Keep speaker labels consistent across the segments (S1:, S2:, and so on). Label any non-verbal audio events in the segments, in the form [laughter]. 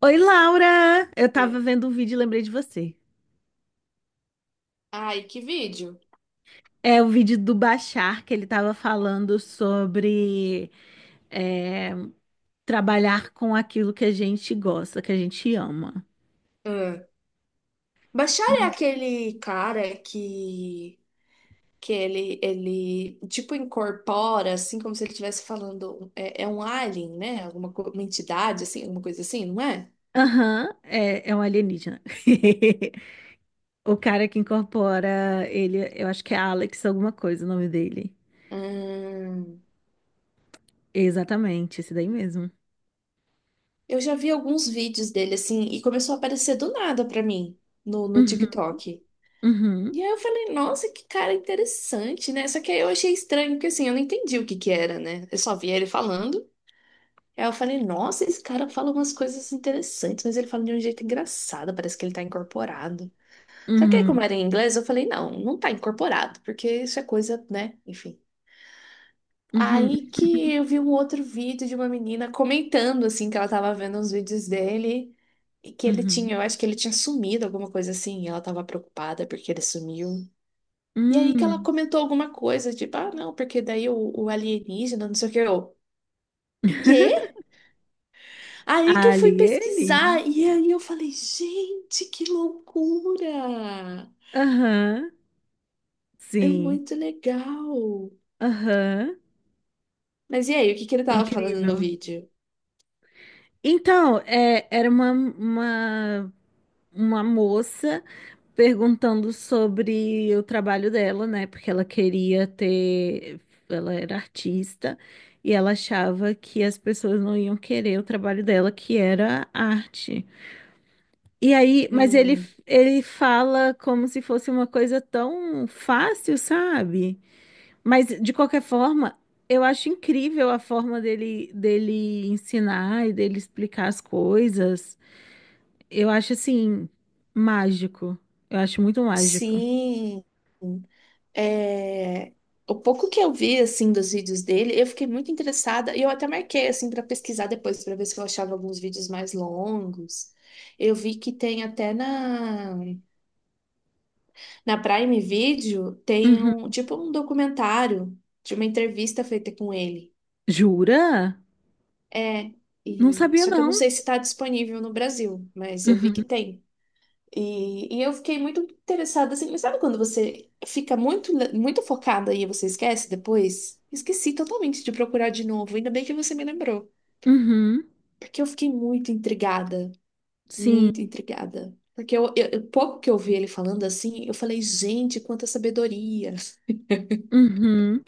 S1: Oi, Laura! Eu
S2: Foi.
S1: tava vendo um vídeo e lembrei de você.
S2: Ai, que vídeo.
S1: É o vídeo do Bashar, que ele tava falando sobre é, trabalhar com aquilo que a gente gosta, que a gente ama.
S2: Ah. Bashar é
S1: E-
S2: aquele cara que ele tipo incorpora assim como se ele estivesse falando é um alien, né? Uma entidade assim, alguma coisa assim, não é?
S1: Aham, é, é um alienígena. [laughs] O cara que incorpora ele, eu acho que é Alex, alguma coisa o nome dele.
S2: Hum,
S1: Exatamente, esse daí mesmo.
S2: eu já vi alguns vídeos dele assim e começou a aparecer do nada pra mim no
S1: Uhum,
S2: TikTok.
S1: uhum,
S2: E aí eu falei, nossa, que cara interessante, né? Só que aí eu achei estranho, porque assim, eu não entendi o que que era, né? Eu só via ele falando. Aí eu falei, nossa, esse cara fala umas coisas interessantes, mas ele fala de um jeito engraçado, parece que ele tá incorporado. Só que aí,
S1: uhum,
S2: como era em inglês, eu falei, não, não tá incorporado, porque isso é coisa, né? Enfim.
S1: uhum,
S2: Aí que eu vi um outro vídeo de uma menina comentando, assim, que ela tava vendo uns vídeos dele e que ele
S1: uhum.
S2: tinha, eu acho que ele tinha sumido, alguma coisa assim, e ela tava preocupada porque ele sumiu. E aí que ela
S1: Hum.
S2: comentou alguma coisa, tipo, ah, não, porque daí o alienígena, não sei o que, eu, quê? Aí que eu fui pesquisar
S1: Alienígena.
S2: e aí eu falei, gente, que loucura!
S1: Aham,
S2: É
S1: sim.
S2: muito legal.
S1: Aham,
S2: Mas e aí, o que que ele tava falando no
S1: incrível.
S2: vídeo?
S1: Então, era uma moça perguntando sobre o trabalho dela, né? Porque ela queria ter. Ela era artista e ela achava que as pessoas não iam querer o trabalho dela, que era arte. E aí,
S2: Hum,
S1: ele fala como se fosse uma coisa tão fácil, sabe? Mas de qualquer forma, eu acho incrível a forma dele ensinar e dele explicar as coisas. Eu acho assim mágico. Eu acho muito mágico.
S2: sim. É, o pouco que eu vi assim dos vídeos dele, eu fiquei muito interessada e eu até marquei assim para pesquisar depois para ver se eu achava alguns vídeos mais longos. Eu vi que tem até na Prime Video tem
S1: Uhum.
S2: um tipo um documentário de uma entrevista feita com ele.
S1: Jura?
S2: É,
S1: Não
S2: e
S1: sabia
S2: só que eu não
S1: não.
S2: sei se está disponível no Brasil, mas eu vi que
S1: Uhum.
S2: tem. E eu fiquei muito interessada assim, mas sabe quando você fica muito focada e você esquece depois? Esqueci totalmente de procurar de novo, ainda bem que você me lembrou,
S1: Uhum.
S2: porque eu fiquei muito intrigada, muito
S1: Sim.
S2: intrigada. Porque pouco que eu vi ele falando assim, eu falei, gente, quanta sabedoria.
S1: Uhum.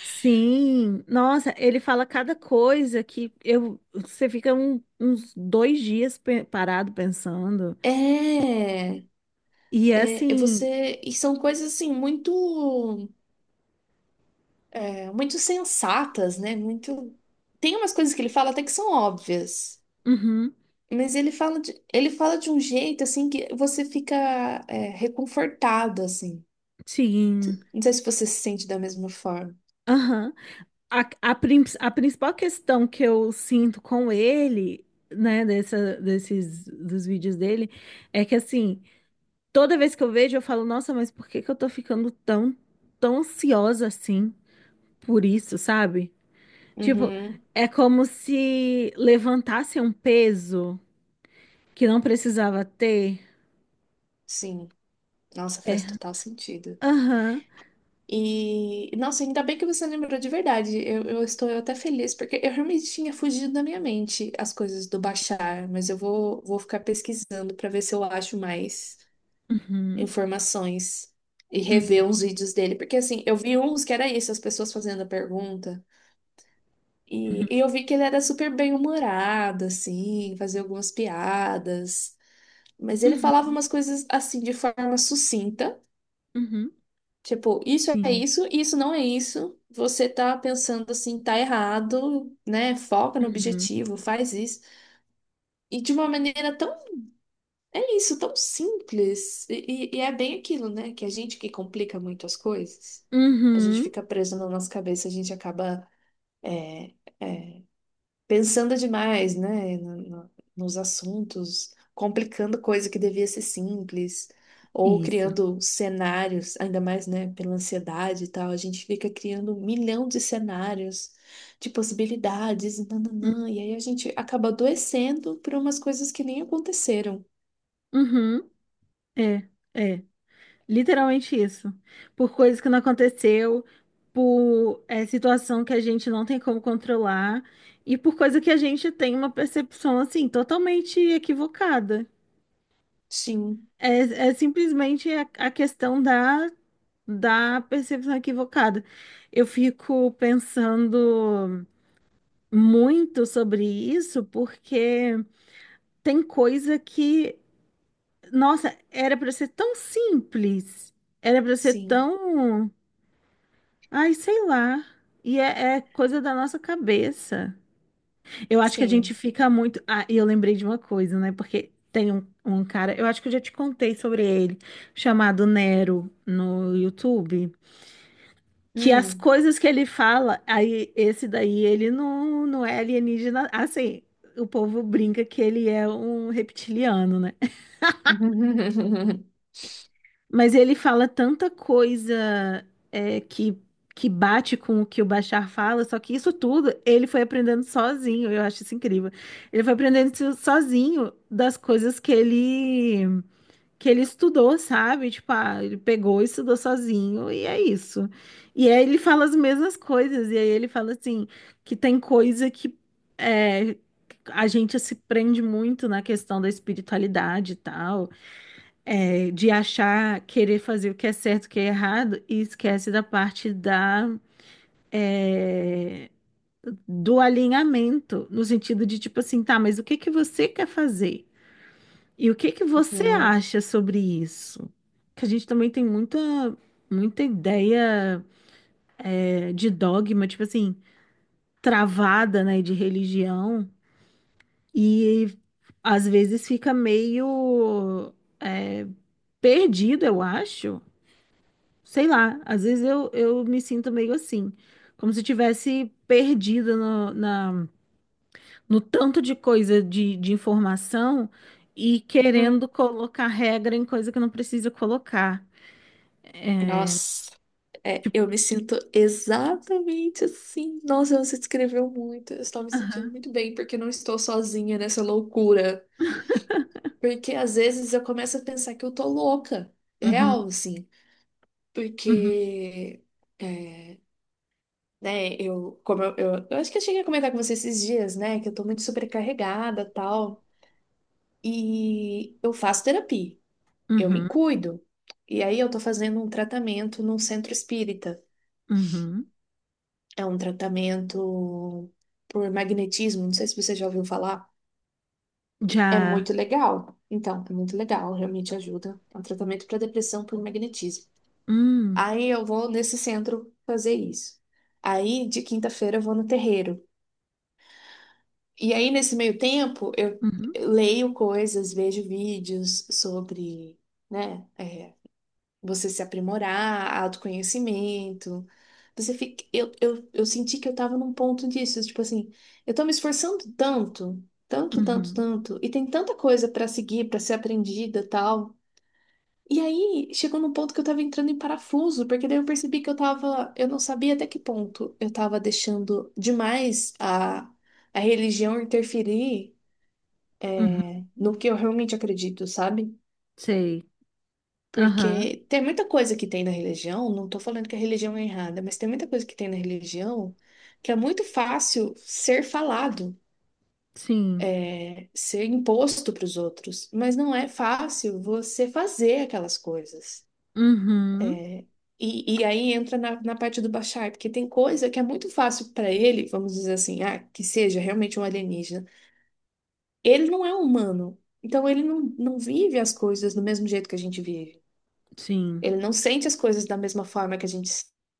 S1: Sim. Nossa, ele fala cada coisa que eu você fica uns dois dias parado pensando.
S2: É,
S1: E é
S2: é
S1: assim.
S2: você. E são coisas assim, muito. É, muito sensatas, né? Muito. Tem umas coisas que ele fala até que são óbvias,
S1: Uhum.
S2: mas ele fala de um jeito assim que você fica reconfortado, assim.
S1: Sim.
S2: Não sei se você se sente da mesma forma.
S1: Aham. A principal questão que eu sinto com ele, dos vídeos dele, é que assim, toda vez que eu vejo, eu falo, nossa, mas por que que eu tô ficando tão ansiosa assim por isso, sabe? Tipo,
S2: Uhum,
S1: é como se levantasse um peso que não precisava ter.
S2: sim. Nossa, faz total sentido.
S1: Aham.
S2: E, nossa, ainda bem que você lembrou de verdade. Eu estou até feliz, porque eu realmente tinha fugido da minha mente as coisas do Bashar, mas eu vou ficar pesquisando para ver se eu acho mais
S1: Uhum.
S2: informações e rever
S1: Uhum.
S2: uns vídeos dele, porque assim, eu vi uns que era isso, as pessoas fazendo a pergunta,
S1: Uhum.
S2: e eu vi que ele era super bem-humorado, assim, fazia algumas piadas, mas ele falava
S1: Uhum.
S2: umas coisas assim de forma sucinta,
S1: Uhum.
S2: tipo, isso é
S1: Sim.
S2: isso, isso não é isso. Você tá pensando assim, tá errado, né? Foca no
S1: Uhum.
S2: objetivo, faz isso. E de uma maneira tão, é isso, tão simples. E, e é bem aquilo, né? Que a gente que complica muito as coisas, a gente
S1: Uhum.
S2: fica preso na nossa cabeça, a gente acaba é, é, pensando demais, né? Nos assuntos, complicando coisa que devia ser simples, ou
S1: Isso.
S2: criando cenários, ainda mais, né? Pela ansiedade e tal, a gente fica criando um milhão de cenários, de possibilidades, e nananã, e aí a gente acaba adoecendo por umas coisas que nem aconteceram.
S1: Uhum. É. É. Literalmente isso. Por coisas que não aconteceu, por situação que a gente não tem como controlar e por coisa que a gente tem uma percepção assim totalmente equivocada.
S2: Sim.
S1: É, é simplesmente a questão da percepção equivocada. Eu fico pensando muito sobre isso porque tem coisa que, nossa, era para ser tão simples, era para ser
S2: Sim,
S1: tão Ai, sei lá. E é, é coisa da nossa cabeça. Eu acho que a gente
S2: sim.
S1: fica muito. Ah, e eu lembrei de uma coisa, né? Porque tem um cara, eu acho que eu já te contei sobre ele, chamado Nero no YouTube. Que as
S2: Hum.
S1: coisas que ele fala, aí esse daí, ele não, não é alienígena. Assim, o povo brinca que ele é um reptiliano, né?
S2: [laughs]
S1: Mas ele fala tanta coisa que bate com o que o Bashar fala, só que isso tudo ele foi aprendendo sozinho, eu acho isso incrível. Ele foi aprendendo isso sozinho das coisas que ele estudou, sabe? Tipo, ah, ele pegou e estudou sozinho e é isso. E aí ele fala as mesmas coisas, e aí ele fala assim, que tem coisa é, a gente se prende muito na questão da espiritualidade e tal de achar, querer fazer o que é certo, o que é errado, e esquece da parte é, do alinhamento, no sentido de tipo assim, tá, mas o que que você quer fazer? E o que que você acha sobre isso? Que a gente também tem muita ideia, de dogma, tipo assim, travada, né, de religião, e às vezes fica é, perdido, eu acho. Sei lá, às vezes eu me sinto meio assim, como se tivesse perdida no tanto de coisa de informação e querendo
S2: Hum.
S1: colocar regra em coisa que não precisa colocar.
S2: Nossa, é, eu me sinto exatamente assim. Nossa, você descreveu muito. Eu estou me sentindo
S1: Aham.
S2: muito bem porque eu não estou sozinha nessa loucura. Porque às vezes eu começo a pensar que eu tô louca.
S1: Uhum,
S2: Real, assim.
S1: uhum,
S2: Porque, é, né, eu acho que eu cheguei a comentar com você esses dias, né, que eu tô muito sobrecarregada tal. E eu faço terapia, eu me
S1: uhum,
S2: cuido. E aí eu tô fazendo um tratamento num centro espírita.
S1: uhum.
S2: É um tratamento por magnetismo, não sei se você já ouviu falar. É
S1: Já.
S2: muito legal. Então, é muito legal, realmente ajuda. É um tratamento para depressão por magnetismo.
S1: Hum.
S2: Aí eu vou nesse centro fazer isso. Aí de quinta-feira eu vou no terreiro. E aí nesse meio tempo eu
S1: uhum,
S2: leio coisas, vejo vídeos sobre, né, você se aprimorar, autoconhecimento. Você fica, eu senti que eu tava num ponto disso, tipo assim, eu tô me esforçando
S1: uhum,
S2: tanto, e tem tanta coisa pra seguir, pra ser aprendida, tal. E aí chegou num ponto que eu tava entrando em parafuso, porque daí eu percebi que eu tava, eu não sabia até que ponto eu tava deixando demais a religião interferir
S1: uhum.
S2: no que eu realmente acredito, sabe?
S1: Sei. Aham.
S2: Porque tem muita coisa que tem na religião, não estou falando que a religião é errada, mas tem muita coisa que tem na religião que é muito fácil ser falado,
S1: Sim.
S2: ser imposto para os outros, mas não é fácil você fazer aquelas coisas.
S1: Uhum,
S2: E aí entra na parte do Bashar, porque tem coisa que é muito fácil para ele, vamos dizer assim, ah, que seja realmente um alienígena. Ele não é humano, então ele não vive as coisas do mesmo jeito que a gente vive.
S1: sim.
S2: Ele não sente as coisas da mesma forma que a gente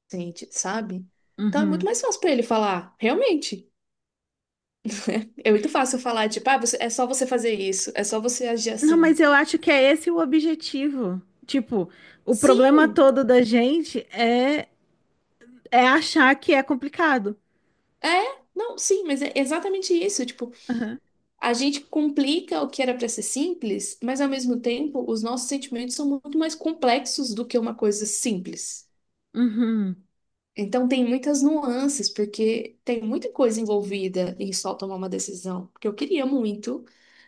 S2: sente, sabe? Então é muito
S1: Uhum.
S2: mais fácil pra ele falar, realmente. É muito fácil falar, tipo, ah, você, é só você fazer isso, é só você agir
S1: Não,
S2: assim.
S1: mas eu acho que é esse o objetivo. Tipo, o problema
S2: Sim,
S1: todo da gente é achar que é complicado.
S2: é, não, sim, mas é exatamente isso. Tipo,
S1: Aham.
S2: a gente complica o que era pra ser simples, mas ao mesmo tempo os nossos sentimentos são muito mais complexos do que uma coisa simples.
S1: Uhum.
S2: Então tem muitas nuances, porque tem muita coisa envolvida em só tomar uma decisão. Porque eu queria muito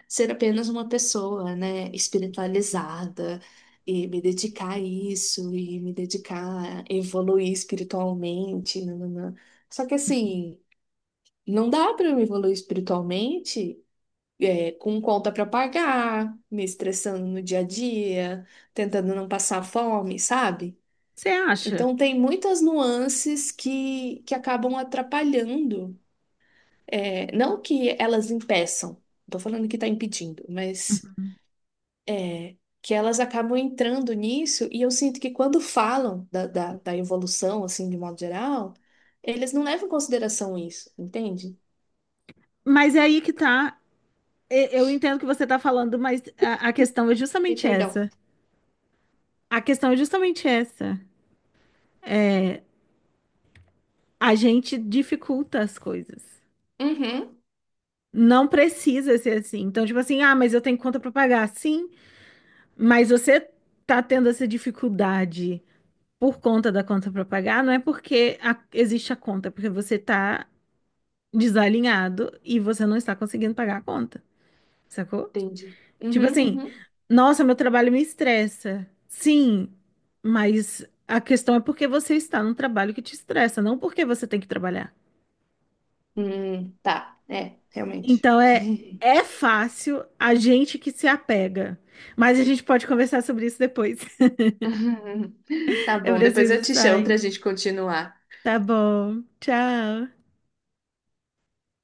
S2: ser apenas uma pessoa, né, espiritualizada e me dedicar a isso e me dedicar a evoluir espiritualmente, nananã. Só que assim, não dá para eu evoluir espiritualmente com conta para pagar, me estressando no dia a dia, tentando não passar fome, sabe?
S1: Você acha?
S2: Então, tem muitas nuances que acabam atrapalhando. É, não que elas impeçam, estou falando que está impedindo, mas
S1: Uhum.
S2: que elas acabam entrando nisso. E eu sinto que quando falam da evolução, assim, de modo geral, eles não levam em consideração isso, entende?
S1: Mas é aí que tá. Eu entendo o que você tá falando, mas a questão é
S2: E
S1: justamente
S2: perdão.
S1: essa. A questão é justamente essa. A gente dificulta as coisas.
S2: Uhum,
S1: Não precisa ser assim. Então, tipo assim, ah, mas eu tenho conta pra pagar. Sim, mas você tá tendo essa dificuldade por conta da conta para pagar, não é porque existe a conta, é porque você tá desalinhado e você não está conseguindo pagar a conta, sacou?
S2: entendi.
S1: Tipo
S2: Uhum,
S1: assim,
S2: uhum.
S1: nossa, meu trabalho me estressa. Sim, mas a questão é porque você está num trabalho que te estressa, não porque você tem que trabalhar.
S2: Tá, é, realmente.
S1: Então
S2: [laughs]
S1: é fácil a gente que se apega, mas a gente pode conversar sobre isso depois. [laughs]
S2: Tá
S1: Eu
S2: bom, depois eu
S1: preciso
S2: te chamo para a
S1: sair.
S2: gente continuar.
S1: Tá bom. Tchau.